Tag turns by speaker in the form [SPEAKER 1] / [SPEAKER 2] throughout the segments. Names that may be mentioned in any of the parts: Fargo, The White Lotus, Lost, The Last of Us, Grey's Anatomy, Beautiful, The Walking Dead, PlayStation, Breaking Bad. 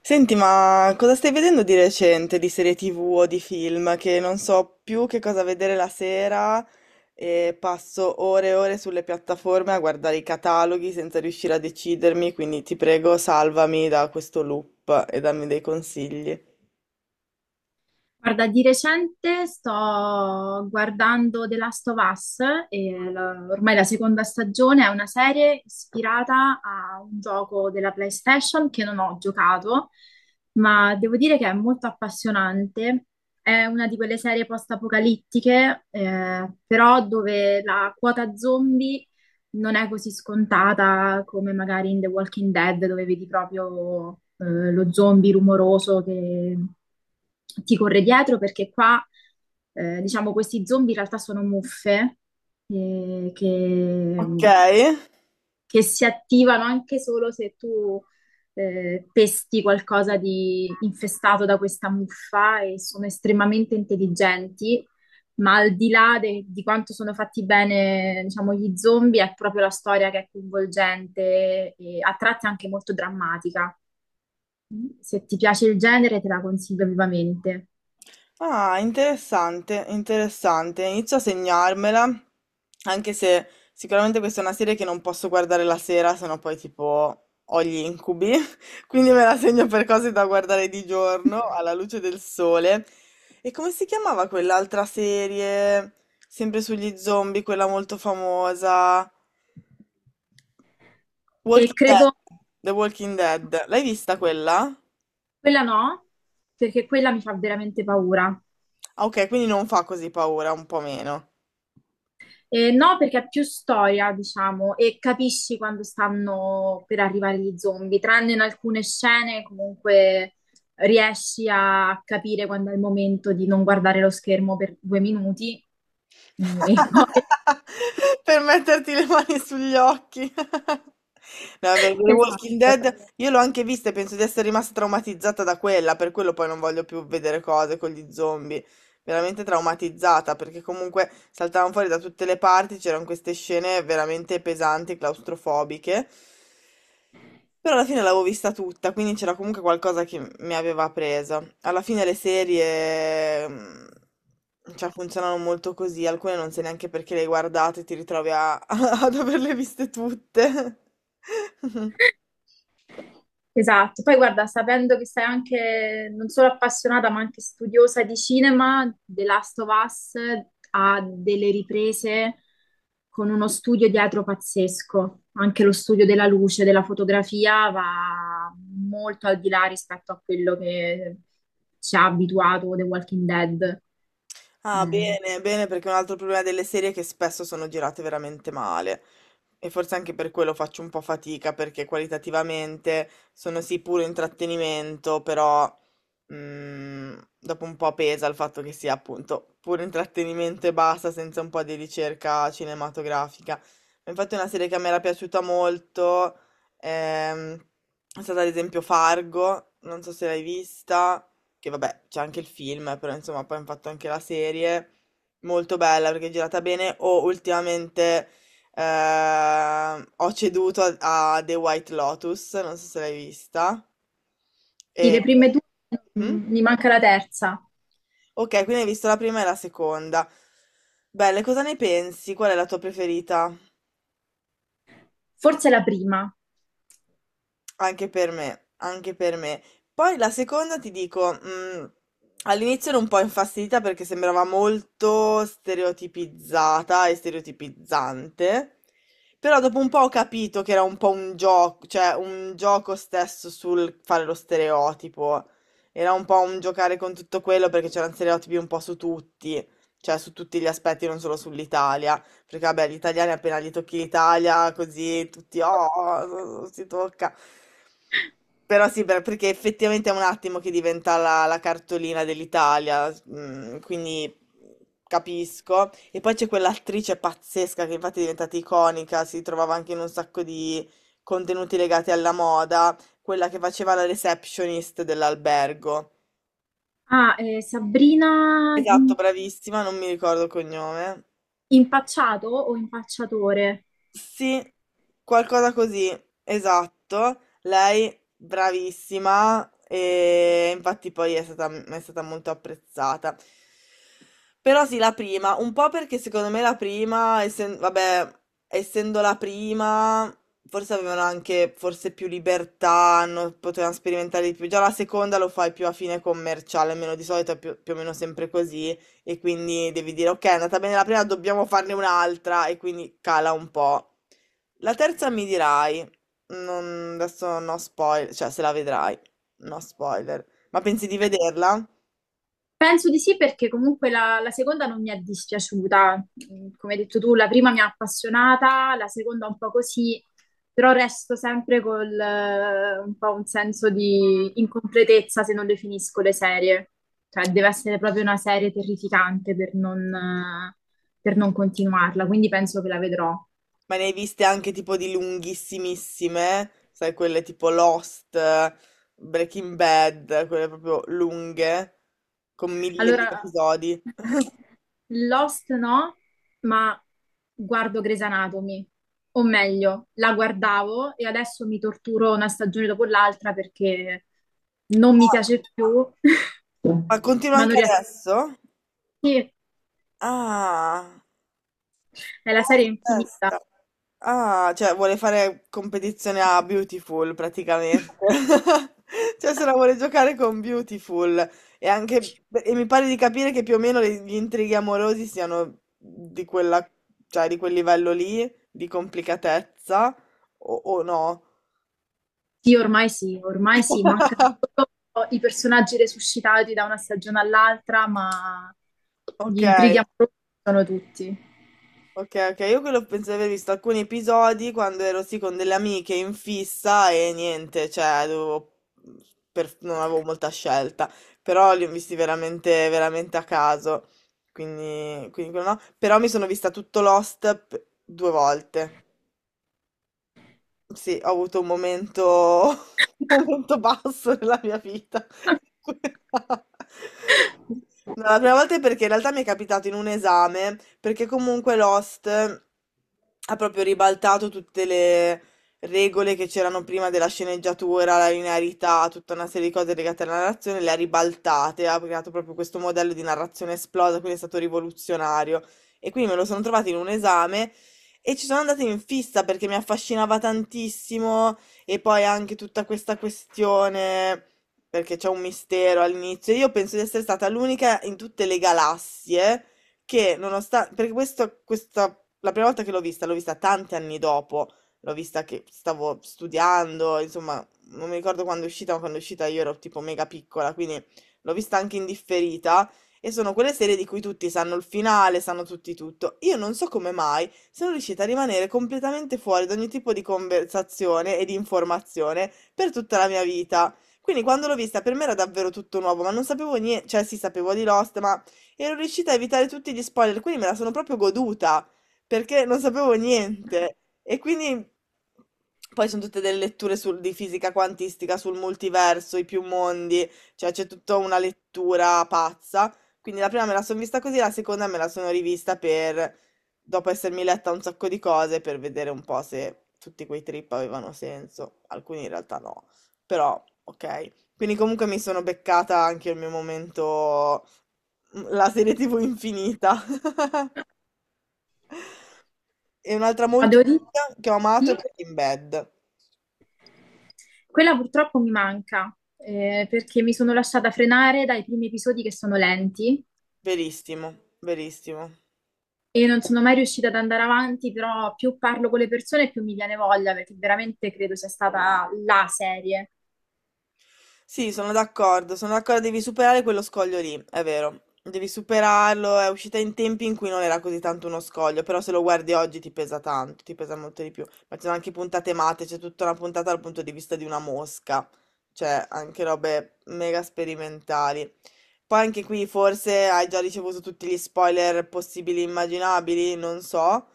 [SPEAKER 1] Senti, ma cosa stai vedendo di recente, di serie TV o di film? Che non so più che cosa vedere la sera e passo ore e ore sulle piattaforme a guardare i cataloghi senza riuscire a decidermi, quindi ti prego, salvami da questo loop e dammi dei consigli.
[SPEAKER 2] Guarda, di recente sto guardando The Last of Us, e ormai la seconda stagione è una serie ispirata a un gioco della PlayStation che non ho giocato, ma devo dire che è molto appassionante. È una di quelle serie post-apocalittiche, però dove la quota zombie non è così scontata come magari in The Walking Dead, dove vedi proprio lo zombie rumoroso che ti corre dietro, perché qua, diciamo, questi zombie in realtà sono muffe eh,
[SPEAKER 1] Ok?
[SPEAKER 2] che che si attivano anche solo se tu pesti qualcosa di infestato da questa muffa e sono estremamente intelligenti, ma al di là di quanto sono fatti bene, diciamo, gli zombie, è proprio la storia che è coinvolgente e a tratti anche molto drammatica. Se ti piace il genere, te la consiglio vivamente.
[SPEAKER 1] Ah, interessante, interessante. Inizio a segnarmela, anche se sicuramente questa è una serie che non posso guardare la sera, sennò poi tipo ho gli incubi. Quindi me la segno per cose da guardare di giorno, alla luce del sole. E come si chiamava quell'altra serie, sempre sugli zombie, quella molto famosa?
[SPEAKER 2] E
[SPEAKER 1] Walking Dead.
[SPEAKER 2] credo
[SPEAKER 1] The Walking Dead. L'hai vista quella?
[SPEAKER 2] quella no, perché quella mi fa veramente paura.
[SPEAKER 1] Ah, ok, quindi non fa così paura, un po' meno.
[SPEAKER 2] No, perché è più storia, diciamo, e capisci quando stanno per arrivare gli zombie, tranne in alcune scene comunque riesci a capire quando è il momento di non guardare lo schermo per due minuti e poi.
[SPEAKER 1] Per metterti le mani sugli occhi. No, per The Walking
[SPEAKER 2] Esatto.
[SPEAKER 1] Dead io l'ho anche vista e penso di essere rimasta traumatizzata da quella, per quello poi non voglio più vedere cose con gli zombie. Veramente traumatizzata, perché comunque saltavano fuori da tutte le parti, c'erano queste scene veramente pesanti, claustrofobiche. Però alla fine l'avevo vista tutta, quindi c'era comunque qualcosa che mi aveva presa. Alla fine le serie, cioè, funzionano molto così, alcune non sai neanche perché le hai guardate, ti ritrovi ad averle viste tutte.
[SPEAKER 2] Esatto, poi guarda, sapendo che sei anche non solo appassionata ma anche studiosa di cinema, The Last of Us ha delle riprese con uno studio dietro pazzesco, anche lo studio della luce, della fotografia va molto al di là rispetto a quello che ci ha abituato The Walking Dead.
[SPEAKER 1] Ah,
[SPEAKER 2] Eh,
[SPEAKER 1] bene, bene, perché un altro problema delle serie è che spesso sono girate veramente male. E forse anche per quello faccio un po' fatica, perché qualitativamente sono sì puro intrattenimento, però dopo un po' pesa il fatto che sia appunto puro intrattenimento e basta, senza un po' di ricerca cinematografica. Infatti una serie che a me era piaciuta molto è stata ad esempio Fargo, non so se l'hai vista, che vabbè, c'è anche il film, però insomma poi hanno fatto anche la serie, molto bella perché è girata bene, o ultimamente ho ceduto a The White Lotus, non so se l'hai vista.
[SPEAKER 2] sì,
[SPEAKER 1] E...
[SPEAKER 2] le prime due,
[SPEAKER 1] Mm?
[SPEAKER 2] mi manca la terza,
[SPEAKER 1] Ok, quindi hai visto la prima e la seconda. Belle, cosa ne pensi? Qual è la tua preferita?
[SPEAKER 2] forse la prima.
[SPEAKER 1] Anche per me, anche per me. Poi la seconda ti dico, all'inizio ero un po' infastidita perché sembrava molto stereotipizzata e stereotipizzante, però dopo un po' ho capito che era un po' un gioco, cioè un gioco stesso sul fare lo stereotipo. Era un po' un giocare con tutto quello perché c'erano stereotipi un po' su tutti, cioè su tutti gli aspetti, non solo sull'Italia. Perché vabbè, gli italiani appena gli tocchi l'Italia, così tutti, oh, oh, si tocca. Però sì, perché effettivamente è un attimo che diventa la cartolina dell'Italia, quindi capisco. E poi c'è quell'attrice pazzesca che infatti è diventata iconica, si trovava anche in un sacco di contenuti legati alla moda, quella che faceva la receptionist dell'albergo.
[SPEAKER 2] Ah, Sabrina,
[SPEAKER 1] Esatto, bravissima, non mi ricordo il cognome.
[SPEAKER 2] Impacciato o impacciatore?
[SPEAKER 1] Sì, qualcosa così, esatto. Lei bravissima e infatti poi è stata molto apprezzata. Però sì, la prima, un po' perché secondo me la prima, vabbè, essendo la prima, forse avevano anche forse più libertà, potevano sperimentare di più. Già la seconda lo fai più a fine commerciale, almeno di solito è più o meno sempre così. E quindi devi dire, ok, è andata bene la prima, dobbiamo farne un'altra, e quindi cala un po'. La terza mi dirai, adesso no spoiler, cioè se la vedrai, no spoiler. Ma pensi di vederla?
[SPEAKER 2] Penso di sì perché comunque la seconda non mi è dispiaciuta. Mm, come hai detto tu, la prima mi ha appassionata, la seconda un po' così, però resto sempre col un po' un senso di incompletezza se non definisco le serie. Cioè, deve essere proprio una serie terrificante per non, per non continuarla, quindi penso che la vedrò.
[SPEAKER 1] Ma ne hai viste anche tipo di lunghissimissime, sai, quelle tipo Lost, Breaking Bad, quelle proprio lunghe, con mille, mille
[SPEAKER 2] Allora,
[SPEAKER 1] episodi.
[SPEAKER 2] Lost no, ma guardo Grey's Anatomy, o meglio, la guardavo e adesso mi torturo una stagione dopo l'altra perché non mi
[SPEAKER 1] Ah,
[SPEAKER 2] piace più.
[SPEAKER 1] ma continua
[SPEAKER 2] Ma non
[SPEAKER 1] anche
[SPEAKER 2] riesco.
[SPEAKER 1] adesso?
[SPEAKER 2] Sì,
[SPEAKER 1] Ah.
[SPEAKER 2] è la
[SPEAKER 1] Wow,
[SPEAKER 2] serie infinita.
[SPEAKER 1] testa. Ah, cioè vuole fare competizione a Beautiful praticamente. Cioè se la vuole giocare con Beautiful e anche e mi pare di capire che più o meno gli intrighi amorosi siano di quella, cioè di quel livello lì di complicatezza o no?
[SPEAKER 2] Sì, ormai sì, ormai sì, mancano solo i personaggi resuscitati da una stagione all'altra, ma gli
[SPEAKER 1] Ok.
[SPEAKER 2] intrighi amorosi sono tutti.
[SPEAKER 1] Ok, ok, io quello penso di aver visto alcuni episodi quando ero sì con delle amiche in fissa e niente, cioè non avevo molta scelta, però li ho visti veramente, veramente a caso, quindi, quindi quello no. Però mi sono vista tutto Lost due volte. Sì, ho avuto un momento, un momento basso nella mia vita. No, la prima volta è perché in realtà mi è capitato in un esame, perché comunque Lost ha proprio ribaltato tutte le regole che c'erano prima della sceneggiatura, la linearità, tutta una serie di cose legate alla narrazione, le ha ribaltate, ha creato proprio questo modello di narrazione esplosa, quindi è stato rivoluzionario. E quindi me lo sono trovato in un esame. E ci sono andata in fissa perché mi affascinava tantissimo e poi anche tutta questa questione, perché c'è un mistero all'inizio. Io penso di essere stata l'unica in tutte le galassie che, nonostante, perché questo, questa, la prima volta che l'ho vista tanti anni dopo, l'ho vista che stavo studiando, insomma, non mi ricordo quando è uscita, ma quando è uscita io ero tipo mega piccola, quindi l'ho vista anche in differita. E sono quelle serie di cui tutti sanno il finale, sanno tutti tutto. Io non so come mai sono riuscita a rimanere completamente fuori da ogni tipo di conversazione e di informazione per tutta la mia vita. Quindi quando l'ho vista per me era davvero tutto nuovo, ma non sapevo niente, cioè sì, sapevo di Lost, ma ero riuscita a evitare tutti gli spoiler, quindi me la sono proprio goduta, perché non sapevo niente. E quindi poi sono tutte delle letture di fisica quantistica, sul multiverso, i più mondi, cioè c'è tutta una lettura pazza. Quindi la prima me la sono vista così, la seconda me la sono rivista per dopo essermi letta un sacco di cose per vedere un po' se tutti quei trip avevano senso, alcuni in realtà no, però ok. Quindi comunque mi sono beccata anche il mio momento, la serie TV infinita. E un'altra
[SPEAKER 2] Ma
[SPEAKER 1] molto
[SPEAKER 2] devo dire,
[SPEAKER 1] figa che ho amato è
[SPEAKER 2] sì,
[SPEAKER 1] Breaking Bad.
[SPEAKER 2] quella purtroppo mi manca, perché mi sono lasciata frenare dai primi episodi che sono lenti
[SPEAKER 1] Verissimo, verissimo.
[SPEAKER 2] e non sono mai riuscita ad andare avanti, però più parlo con le persone più mi viene voglia, perché veramente credo sia stata la serie.
[SPEAKER 1] Sì, sono d'accordo, devi superare quello scoglio lì, è vero. Devi superarlo, è uscita in tempi in cui non era così tanto uno scoglio, però se lo guardi oggi ti pesa tanto, ti pesa molto di più. Ma ci sono anche puntate matte, c'è tutta una puntata dal punto di vista di una mosca, cioè anche robe mega sperimentali. Poi anche qui forse hai già ricevuto tutti gli spoiler possibili e immaginabili, non so,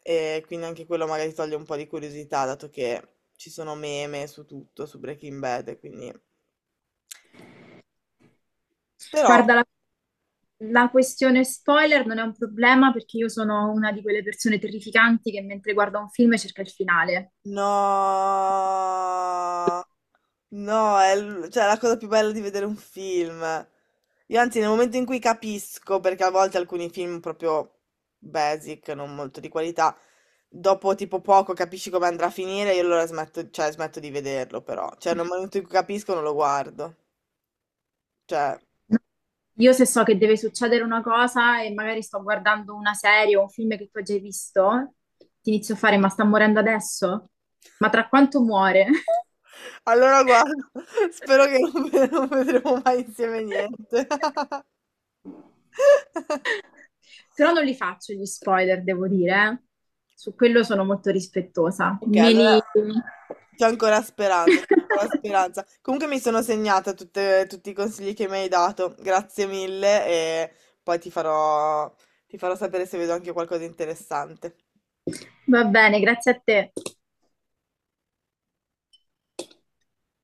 [SPEAKER 1] e quindi anche quello magari toglie un po' di curiosità, dato che ci sono meme su tutto, su Breaking Bad, e quindi... Però,
[SPEAKER 2] Guarda, la questione spoiler non è un problema perché io sono una di quelle persone terrificanti che mentre guarda un film cerca il finale.
[SPEAKER 1] no, no, cioè, la cosa più bella di vedere un film. Io anzi, nel momento in cui capisco, perché a volte alcuni film proprio basic, non molto di qualità, dopo tipo poco capisci come andrà a finire, io allora smetto, cioè, smetto di vederlo, però. Cioè, nel momento in cui capisco non lo guardo. Cioè...
[SPEAKER 2] Io se so che deve succedere una cosa e magari sto guardando una serie o un film che tu hai già visto, ti inizio a fare, ma sta morendo adesso? Ma tra quanto muore?
[SPEAKER 1] Allora guarda, spero che non vedremo mai insieme niente.
[SPEAKER 2] Però non li faccio gli spoiler, devo dire, eh. Su quello sono molto rispettosa.
[SPEAKER 1] Ok,
[SPEAKER 2] Me
[SPEAKER 1] allora
[SPEAKER 2] li...
[SPEAKER 1] c'è ancora speranza, c'è ancora speranza. Comunque mi sono segnata tutti i consigli che mi hai dato, grazie mille e poi ti farò sapere se vedo anche qualcosa di interessante.
[SPEAKER 2] Va bene, grazie a te.